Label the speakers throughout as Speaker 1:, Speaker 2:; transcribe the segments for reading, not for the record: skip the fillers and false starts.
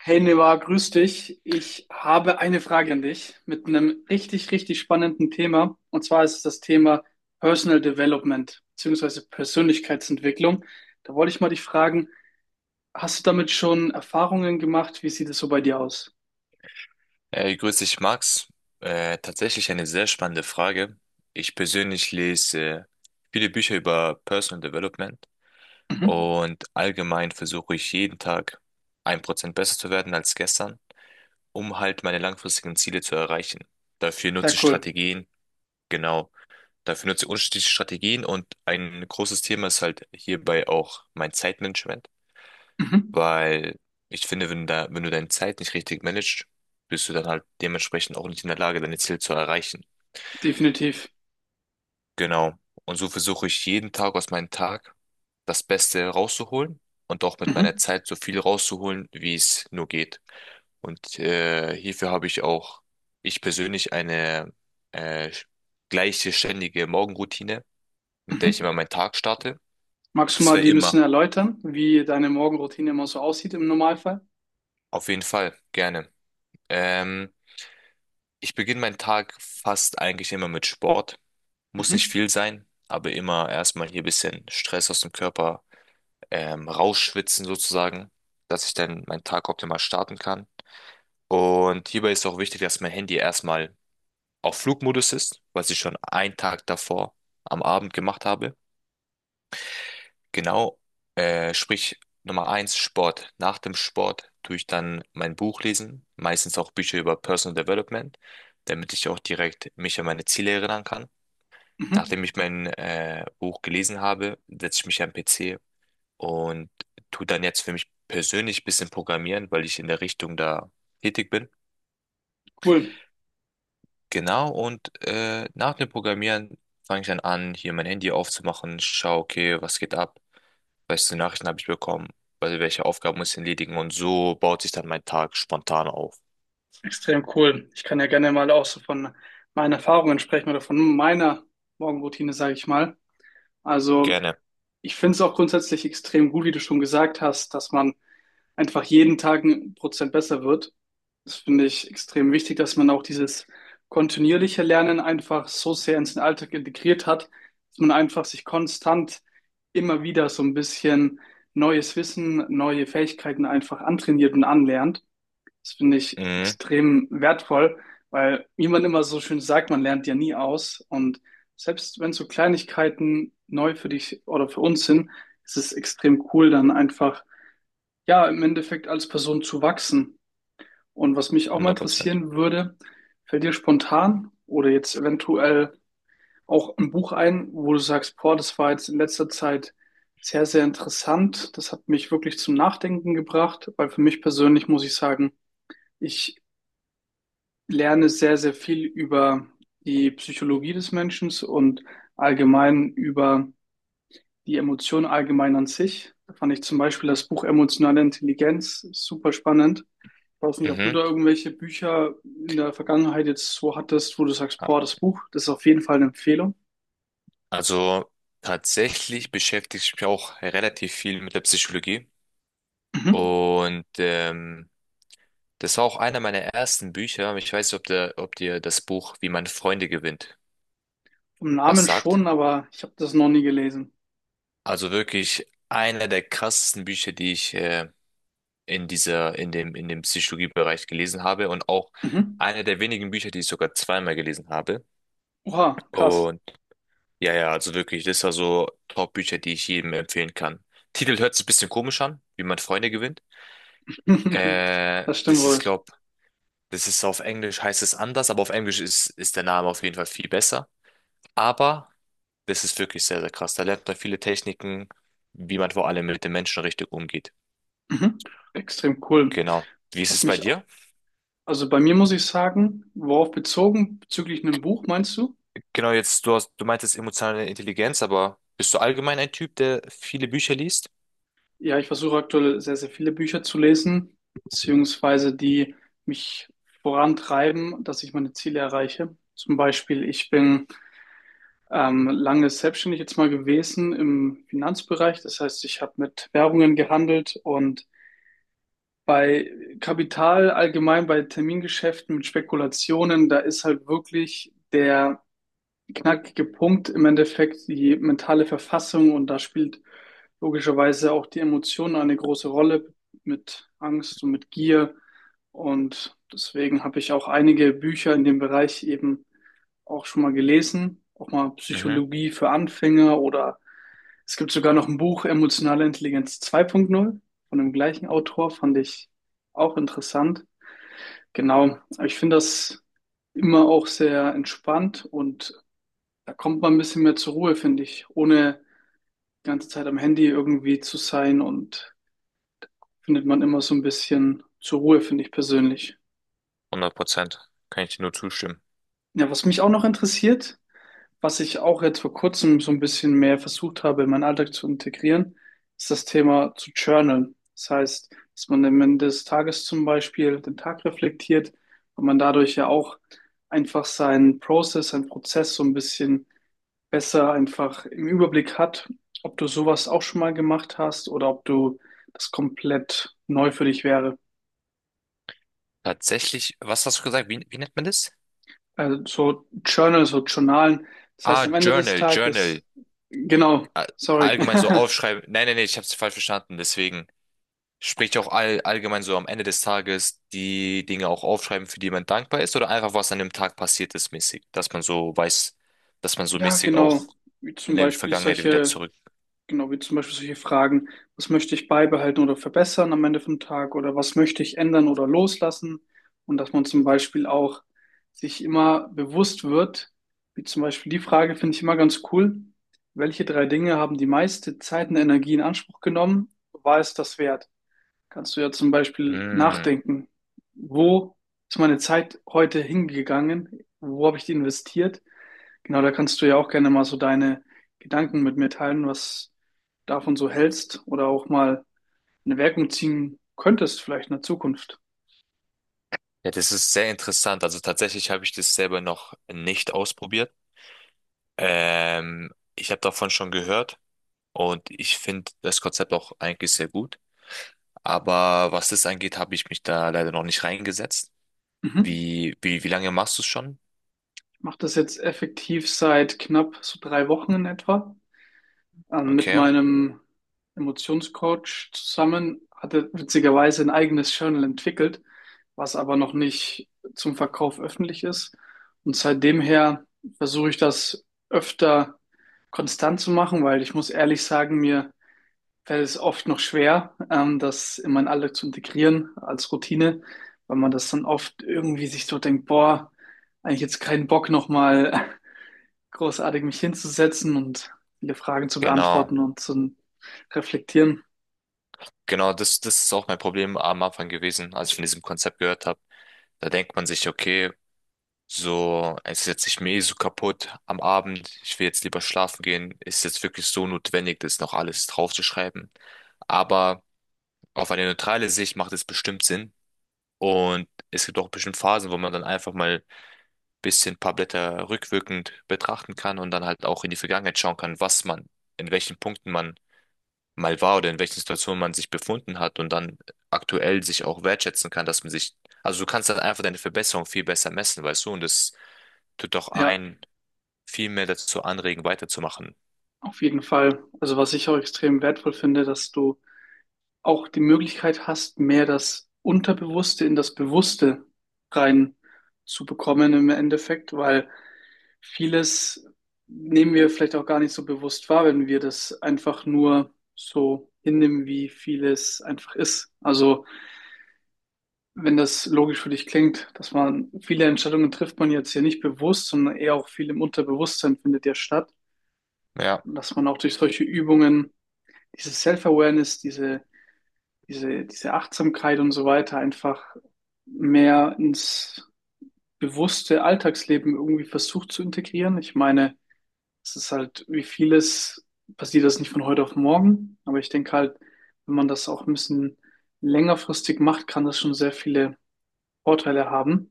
Speaker 1: Hey Neva, grüß dich. Ich habe eine Frage an dich mit einem richtig, richtig spannenden Thema. Und zwar ist es das Thema Personal Development bzw. Persönlichkeitsentwicklung. Da wollte ich mal dich fragen, hast du damit schon Erfahrungen gemacht? Wie sieht es so bei dir aus?
Speaker 2: Hey, grüß dich, Max. Tatsächlich eine sehr spannende Frage. Ich persönlich lese viele Bücher über Personal Development
Speaker 1: Mhm.
Speaker 2: und allgemein versuche ich jeden Tag 1% besser zu werden als gestern, um halt meine langfristigen Ziele zu erreichen. Dafür
Speaker 1: Sehr
Speaker 2: nutze ich
Speaker 1: cool.
Speaker 2: Strategien, genau. Dafür nutze ich unterschiedliche Strategien und ein großes Thema ist halt hierbei auch mein Zeitmanagement.
Speaker 1: Mhm.
Speaker 2: Weil ich finde, wenn du deine Zeit nicht richtig managst, bist du dann halt dementsprechend auch nicht in der Lage, deine Ziele zu erreichen.
Speaker 1: Definitiv.
Speaker 2: Genau. Und so versuche ich jeden Tag aus meinem Tag das Beste rauszuholen und auch mit meiner
Speaker 1: Mhm.
Speaker 2: Zeit so viel rauszuholen, wie es nur geht. Und hierfür habe ich auch ich persönlich, eine äh, gleiche ständige Morgenroutine, mit der
Speaker 1: Mhm.
Speaker 2: ich immer meinen Tag starte.
Speaker 1: Magst du
Speaker 2: Das
Speaker 1: mal
Speaker 2: wäre
Speaker 1: die ein
Speaker 2: immer.
Speaker 1: bisschen erläutern, wie deine Morgenroutine immer so aussieht im Normalfall?
Speaker 2: Auf jeden Fall, gerne. Ähm, Ich beginne meinen Tag fast eigentlich immer mit Sport. Muss nicht
Speaker 1: Mhm.
Speaker 2: viel sein, aber immer erstmal hier ein bisschen Stress aus dem Körper rausschwitzen sozusagen, dass ich dann meinen Tag optimal starten kann. Und hierbei ist auch wichtig, dass mein Handy erstmal auf Flugmodus ist, was ich schon einen Tag davor am Abend gemacht habe. Genau, sprich Nummer eins, Sport. Nach dem Sport tue ich dann mein Buch lesen, meistens auch Bücher über Personal Development, damit ich auch direkt mich an meine Ziele erinnern kann.
Speaker 1: Mhm.
Speaker 2: Nachdem ich mein Buch gelesen habe, setze ich mich am PC und tu dann jetzt für mich persönlich ein bisschen programmieren, weil ich in der Richtung da tätig bin.
Speaker 1: Cool.
Speaker 2: Genau, und nach dem Programmieren fange ich dann an, hier mein Handy aufzumachen, schaue, okay, was geht ab, welche Nachrichten habe ich bekommen, also welche Aufgaben muss ich erledigen und so baut sich dann mein Tag spontan auf.
Speaker 1: Extrem cool. Ich kann ja gerne mal auch so von meinen Erfahrungen sprechen oder von meiner Morgenroutine, sage ich mal. Also
Speaker 2: Gerne.
Speaker 1: ich finde es auch grundsätzlich extrem gut, wie du schon gesagt hast, dass man einfach jeden Tag 1% besser wird. Das finde ich extrem wichtig, dass man auch dieses kontinuierliche Lernen einfach so sehr in den Alltag integriert hat, dass man einfach sich konstant immer wieder so ein bisschen neues Wissen, neue Fähigkeiten einfach antrainiert und anlernt. Das finde ich
Speaker 2: Mhm,
Speaker 1: extrem wertvoll, weil, wie man immer so schön sagt, man lernt ja nie aus. Und selbst wenn so Kleinigkeiten neu für dich oder für uns sind, ist es extrem cool, dann einfach, ja, im Endeffekt als Person zu wachsen. Und was mich auch mal
Speaker 2: 100%.
Speaker 1: interessieren würde, fällt dir spontan oder jetzt eventuell auch ein Buch ein, wo du sagst, boah, das war jetzt in letzter Zeit sehr, sehr interessant. Das hat mich wirklich zum Nachdenken gebracht, weil für mich persönlich muss ich sagen, ich lerne sehr, sehr viel über die Psychologie des Menschen und allgemein über die Emotionen allgemein an sich. Da fand ich zum Beispiel das Buch Emotionale Intelligenz super spannend. Ich weiß nicht, ob du
Speaker 2: Mhm.
Speaker 1: da irgendwelche Bücher in der Vergangenheit jetzt so hattest, wo du sagst, boah, das Buch, das ist auf jeden Fall eine Empfehlung.
Speaker 2: Also tatsächlich beschäftige ich mich auch relativ viel mit der Psychologie.
Speaker 1: Mhm.
Speaker 2: Und das war auch einer meiner ersten Bücher. Ich weiß nicht, ob dir das Buch Wie man Freunde gewinnt
Speaker 1: Vom
Speaker 2: was
Speaker 1: Namen
Speaker 2: sagt.
Speaker 1: schon, aber ich habe das noch nie gelesen.
Speaker 2: Also wirklich einer der krassesten Bücher, die ich in dem Psychologiebereich gelesen habe und auch
Speaker 1: Mhm.
Speaker 2: einer der wenigen Bücher, die ich sogar zweimal gelesen habe.
Speaker 1: Oha, krass.
Speaker 2: Und ja, also wirklich, das war so Top-Bücher, die ich jedem empfehlen kann. Titel hört sich ein bisschen komisch an, wie man Freunde gewinnt. Äh,
Speaker 1: Das stimmt
Speaker 2: das ist,
Speaker 1: wohl.
Speaker 2: glaub, Das ist auf Englisch heißt es anders, aber auf Englisch ist der Name auf jeden Fall viel besser. Aber das ist wirklich sehr, sehr krass. Da lernt man viele Techniken, wie man vor allem mit den Menschen richtig umgeht.
Speaker 1: Mhm. Extrem cool.
Speaker 2: Genau. Wie ist
Speaker 1: Was
Speaker 2: es bei
Speaker 1: mich
Speaker 2: dir?
Speaker 1: Also bei mir muss ich sagen, worauf bezogen, bezüglich einem Buch meinst du?
Speaker 2: Genau, du meintest emotionale Intelligenz, aber bist du allgemein ein Typ, der viele Bücher liest?
Speaker 1: Ja, ich versuche aktuell sehr, sehr viele Bücher zu lesen, beziehungsweise die mich vorantreiben, dass ich meine Ziele erreiche. Zum Beispiel, ich bin lange selbstständig jetzt mal gewesen im Finanzbereich. Das heißt, ich habe mit Währungen gehandelt und bei Kapital allgemein, bei Termingeschäften mit Spekulationen, da ist halt wirklich der knackige Punkt im Endeffekt die mentale Verfassung und da spielt logischerweise auch die Emotion eine große Rolle mit Angst und mit Gier. Und deswegen habe ich auch einige Bücher in dem Bereich eben auch schon mal gelesen, auch mal
Speaker 2: Mhm.
Speaker 1: Psychologie für Anfänger, oder es gibt sogar noch ein Buch Emotionale Intelligenz 2.0 von dem gleichen Autor, fand ich auch interessant. Genau, aber ich finde das immer auch sehr entspannt und da kommt man ein bisschen mehr zur Ruhe, finde ich, ohne die ganze Zeit am Handy irgendwie zu sein und findet man immer so ein bisschen zur Ruhe, finde ich persönlich.
Speaker 2: 100%. Kann ich dir nur zustimmen.
Speaker 1: Ja, was mich auch noch interessiert, was ich auch jetzt vor kurzem so ein bisschen mehr versucht habe, in meinen Alltag zu integrieren, ist das Thema zu journalen. Das heißt, dass man am Ende des Tages zum Beispiel den Tag reflektiert und man dadurch ja auch einfach seinen Prozess so ein bisschen besser einfach im Überblick hat, ob du sowas auch schon mal gemacht hast oder ob du das komplett neu für dich wäre.
Speaker 2: Tatsächlich, was hast du gesagt? Wie nennt man das?
Speaker 1: Also so Journal, so Journalen. Das heißt,
Speaker 2: Ah,
Speaker 1: am Ende des
Speaker 2: Journal.
Speaker 1: Tages, genau,
Speaker 2: all-
Speaker 1: sorry.
Speaker 2: Allgemein so aufschreiben. Nein, nein, nein, ich habe es falsch verstanden. Deswegen spricht ja auch all, allgemein so am Ende des Tages die Dinge auch aufschreiben, für die man dankbar ist oder einfach was an dem Tag passiert ist mäßig, dass man so weiß, dass man so
Speaker 1: Ja,
Speaker 2: mäßig
Speaker 1: genau.
Speaker 2: auch
Speaker 1: Wie
Speaker 2: in
Speaker 1: zum
Speaker 2: der
Speaker 1: Beispiel
Speaker 2: Vergangenheit wieder
Speaker 1: solche
Speaker 2: zurück.
Speaker 1: Genau, wie zum Beispiel solche Fragen, was möchte ich beibehalten oder verbessern am Ende vom Tag oder was möchte ich ändern oder loslassen? Und dass man zum Beispiel auch sich immer bewusst wird, wie zum Beispiel die Frage finde ich immer ganz cool, welche drei Dinge haben die meiste Zeit und Energie in Anspruch genommen? War es das wert? Kannst du ja zum Beispiel
Speaker 2: Mm.
Speaker 1: nachdenken, wo ist meine Zeit heute hingegangen? Wo habe ich die investiert? Genau, da kannst du ja auch gerne mal so deine Gedanken mit mir teilen, was du davon so hältst oder auch mal eine Wirkung ziehen könntest, vielleicht in der Zukunft.
Speaker 2: Ja, das ist sehr interessant. Also tatsächlich habe ich das selber noch nicht ausprobiert. Ich habe davon schon gehört und ich finde das Konzept auch eigentlich sehr gut. Aber was das angeht, habe ich mich da leider noch nicht reingesetzt.
Speaker 1: Mhm.
Speaker 2: Wie lange machst du es schon?
Speaker 1: Ich mache das jetzt effektiv seit knapp so 3 Wochen in etwa. Mit
Speaker 2: Okay,
Speaker 1: meinem Emotionscoach zusammen hatte witzigerweise ein eigenes Journal entwickelt, was aber noch nicht zum Verkauf öffentlich ist. Und seitdem her versuche ich das öfter konstant zu machen, weil ich muss ehrlich sagen, mir fällt es oft noch schwer, das in meinen Alltag zu integrieren als Routine, weil man das dann oft irgendwie sich so denkt, boah, eigentlich jetzt keinen Bock nochmal großartig mich hinzusetzen und viele Fragen zu
Speaker 2: genau.
Speaker 1: beantworten und zu reflektieren.
Speaker 2: Genau, das ist auch mein Problem am Anfang gewesen, als ich von diesem Konzept gehört habe. Da denkt man sich, okay, so, es ist jetzt mir mehr so kaputt am Abend, ich will jetzt lieber schlafen gehen. Ist jetzt wirklich so notwendig, das noch alles draufzuschreiben? Aber auf eine neutrale Sicht macht es bestimmt Sinn. Und es gibt auch bestimmt Phasen, wo man dann einfach mal ein bisschen ein paar Blätter rückwirkend betrachten kann und dann halt auch in die Vergangenheit schauen kann, in welchen Punkten man mal war oder in welchen Situationen man sich befunden hat und dann aktuell sich auch wertschätzen kann, also du kannst dann einfach deine Verbesserung viel besser messen, weißt du, und das tut doch
Speaker 1: Ja,
Speaker 2: einen viel mehr dazu anregen, weiterzumachen.
Speaker 1: auf jeden Fall. Also was ich auch extrem wertvoll finde, dass du auch die Möglichkeit hast, mehr das Unterbewusste in das Bewusste rein zu bekommen im Endeffekt, weil vieles nehmen wir vielleicht auch gar nicht so bewusst wahr, wenn wir das einfach nur so hinnehmen, wie vieles einfach ist. Also, wenn das logisch für dich klingt, dass man viele Entscheidungen trifft man jetzt hier nicht bewusst, sondern eher auch viel im Unterbewusstsein findet ja statt.
Speaker 2: Ja.
Speaker 1: Und dass man auch durch solche Übungen diese Self-Awareness, diese Achtsamkeit und so weiter einfach mehr ins bewusste Alltagsleben irgendwie versucht zu integrieren. Ich meine, es ist halt, wie vieles passiert das nicht von heute auf morgen, aber ich denke halt, wenn man das auch ein bisschen längerfristig macht, kann das schon sehr viele Vorteile haben.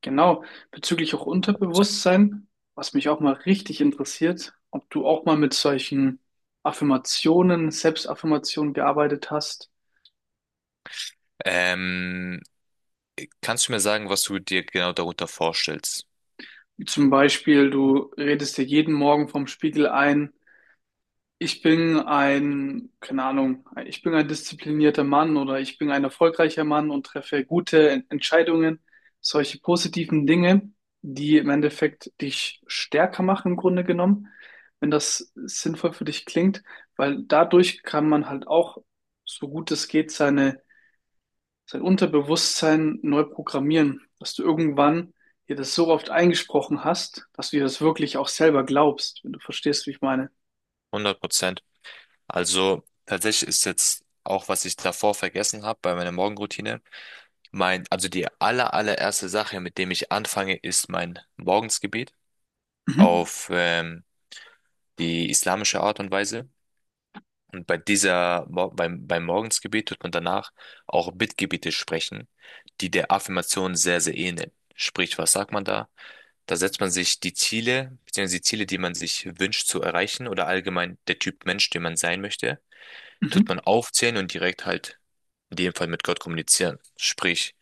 Speaker 1: Genau, bezüglich auch Unterbewusstsein, was mich auch mal richtig interessiert, ob du auch mal mit solchen Affirmationen, Selbstaffirmationen gearbeitet hast.
Speaker 2: Ähm, kannst du mir sagen, was du dir genau darunter vorstellst?
Speaker 1: Wie zum Beispiel, du redest dir jeden Morgen vorm Spiegel ein, ich bin ein, keine Ahnung, ich bin ein disziplinierter Mann oder ich bin ein erfolgreicher Mann und treffe gute Entscheidungen, solche positiven Dinge, die im Endeffekt dich stärker machen im Grunde genommen, wenn das sinnvoll für dich klingt, weil dadurch kann man halt auch, so gut es geht, seine, sein Unterbewusstsein neu programmieren, dass du irgendwann dir das so oft eingesprochen hast, dass du dir das wirklich auch selber glaubst, wenn du verstehst, wie ich meine.
Speaker 2: 100%. Also tatsächlich ist jetzt auch, was ich davor vergessen habe bei meiner Morgenroutine, mein, also die allererste Sache, mit dem ich anfange, ist mein Morgensgebet
Speaker 1: Mhm.
Speaker 2: auf die islamische Art und Weise. Und bei dieser, beim Morgensgebet tut man danach auch Bittgebete sprechen, die der Affirmation sehr, sehr ähneln. Sprich, was sagt man da? Da setzt man sich die Ziele, beziehungsweise die Ziele, die man sich wünscht zu erreichen oder allgemein der Typ Mensch, den man sein möchte, tut
Speaker 1: Mhm.
Speaker 2: man aufzählen und direkt halt in dem Fall mit Gott kommunizieren. Sprich,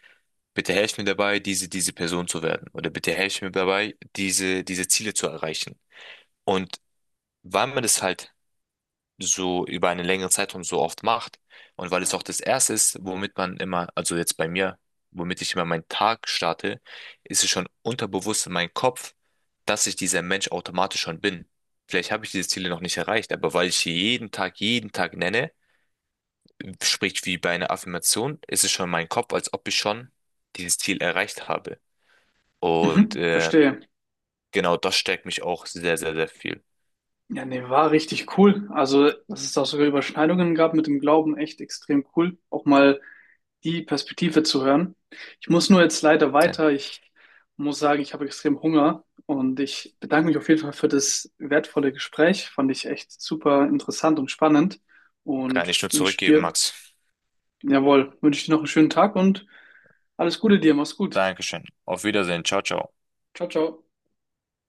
Speaker 2: bitte helf mir dabei, diese Person zu werden oder bitte helf mir dabei, diese Ziele zu erreichen. Und weil man das halt so über einen längeren Zeitraum so oft macht und weil es auch das Erste ist, womit man immer, also jetzt bei mir, womit ich immer meinen Tag starte, ist es schon unterbewusst in meinem Kopf, dass ich dieser Mensch automatisch schon bin. Vielleicht habe ich diese Ziele noch nicht erreicht, aber weil ich sie jeden Tag nenne, sprich wie bei einer Affirmation, ist es schon in meinem Kopf, als ob ich schon dieses Ziel erreicht habe. Und
Speaker 1: Mhm, verstehe.
Speaker 2: genau das stärkt mich auch sehr, sehr, sehr viel.
Speaker 1: Ja, nee, war richtig cool. Also, dass es da sogar Überschneidungen gab mit dem Glauben, echt extrem cool. Auch mal die Perspektive zu hören. Ich muss nur jetzt leider
Speaker 2: Dann
Speaker 1: weiter. Ich muss sagen, ich habe extrem Hunger und ich bedanke mich auf jeden Fall für das wertvolle Gespräch. Fand ich echt super interessant und spannend
Speaker 2: kann
Speaker 1: und
Speaker 2: ich nur
Speaker 1: wünsche
Speaker 2: zurückgeben,
Speaker 1: dir,
Speaker 2: Max.
Speaker 1: jawohl, wünsche dir noch einen schönen Tag und alles Gute dir. Mach's gut.
Speaker 2: Dankeschön. Auf Wiedersehen. Ciao, ciao.
Speaker 1: Ciao, ciao.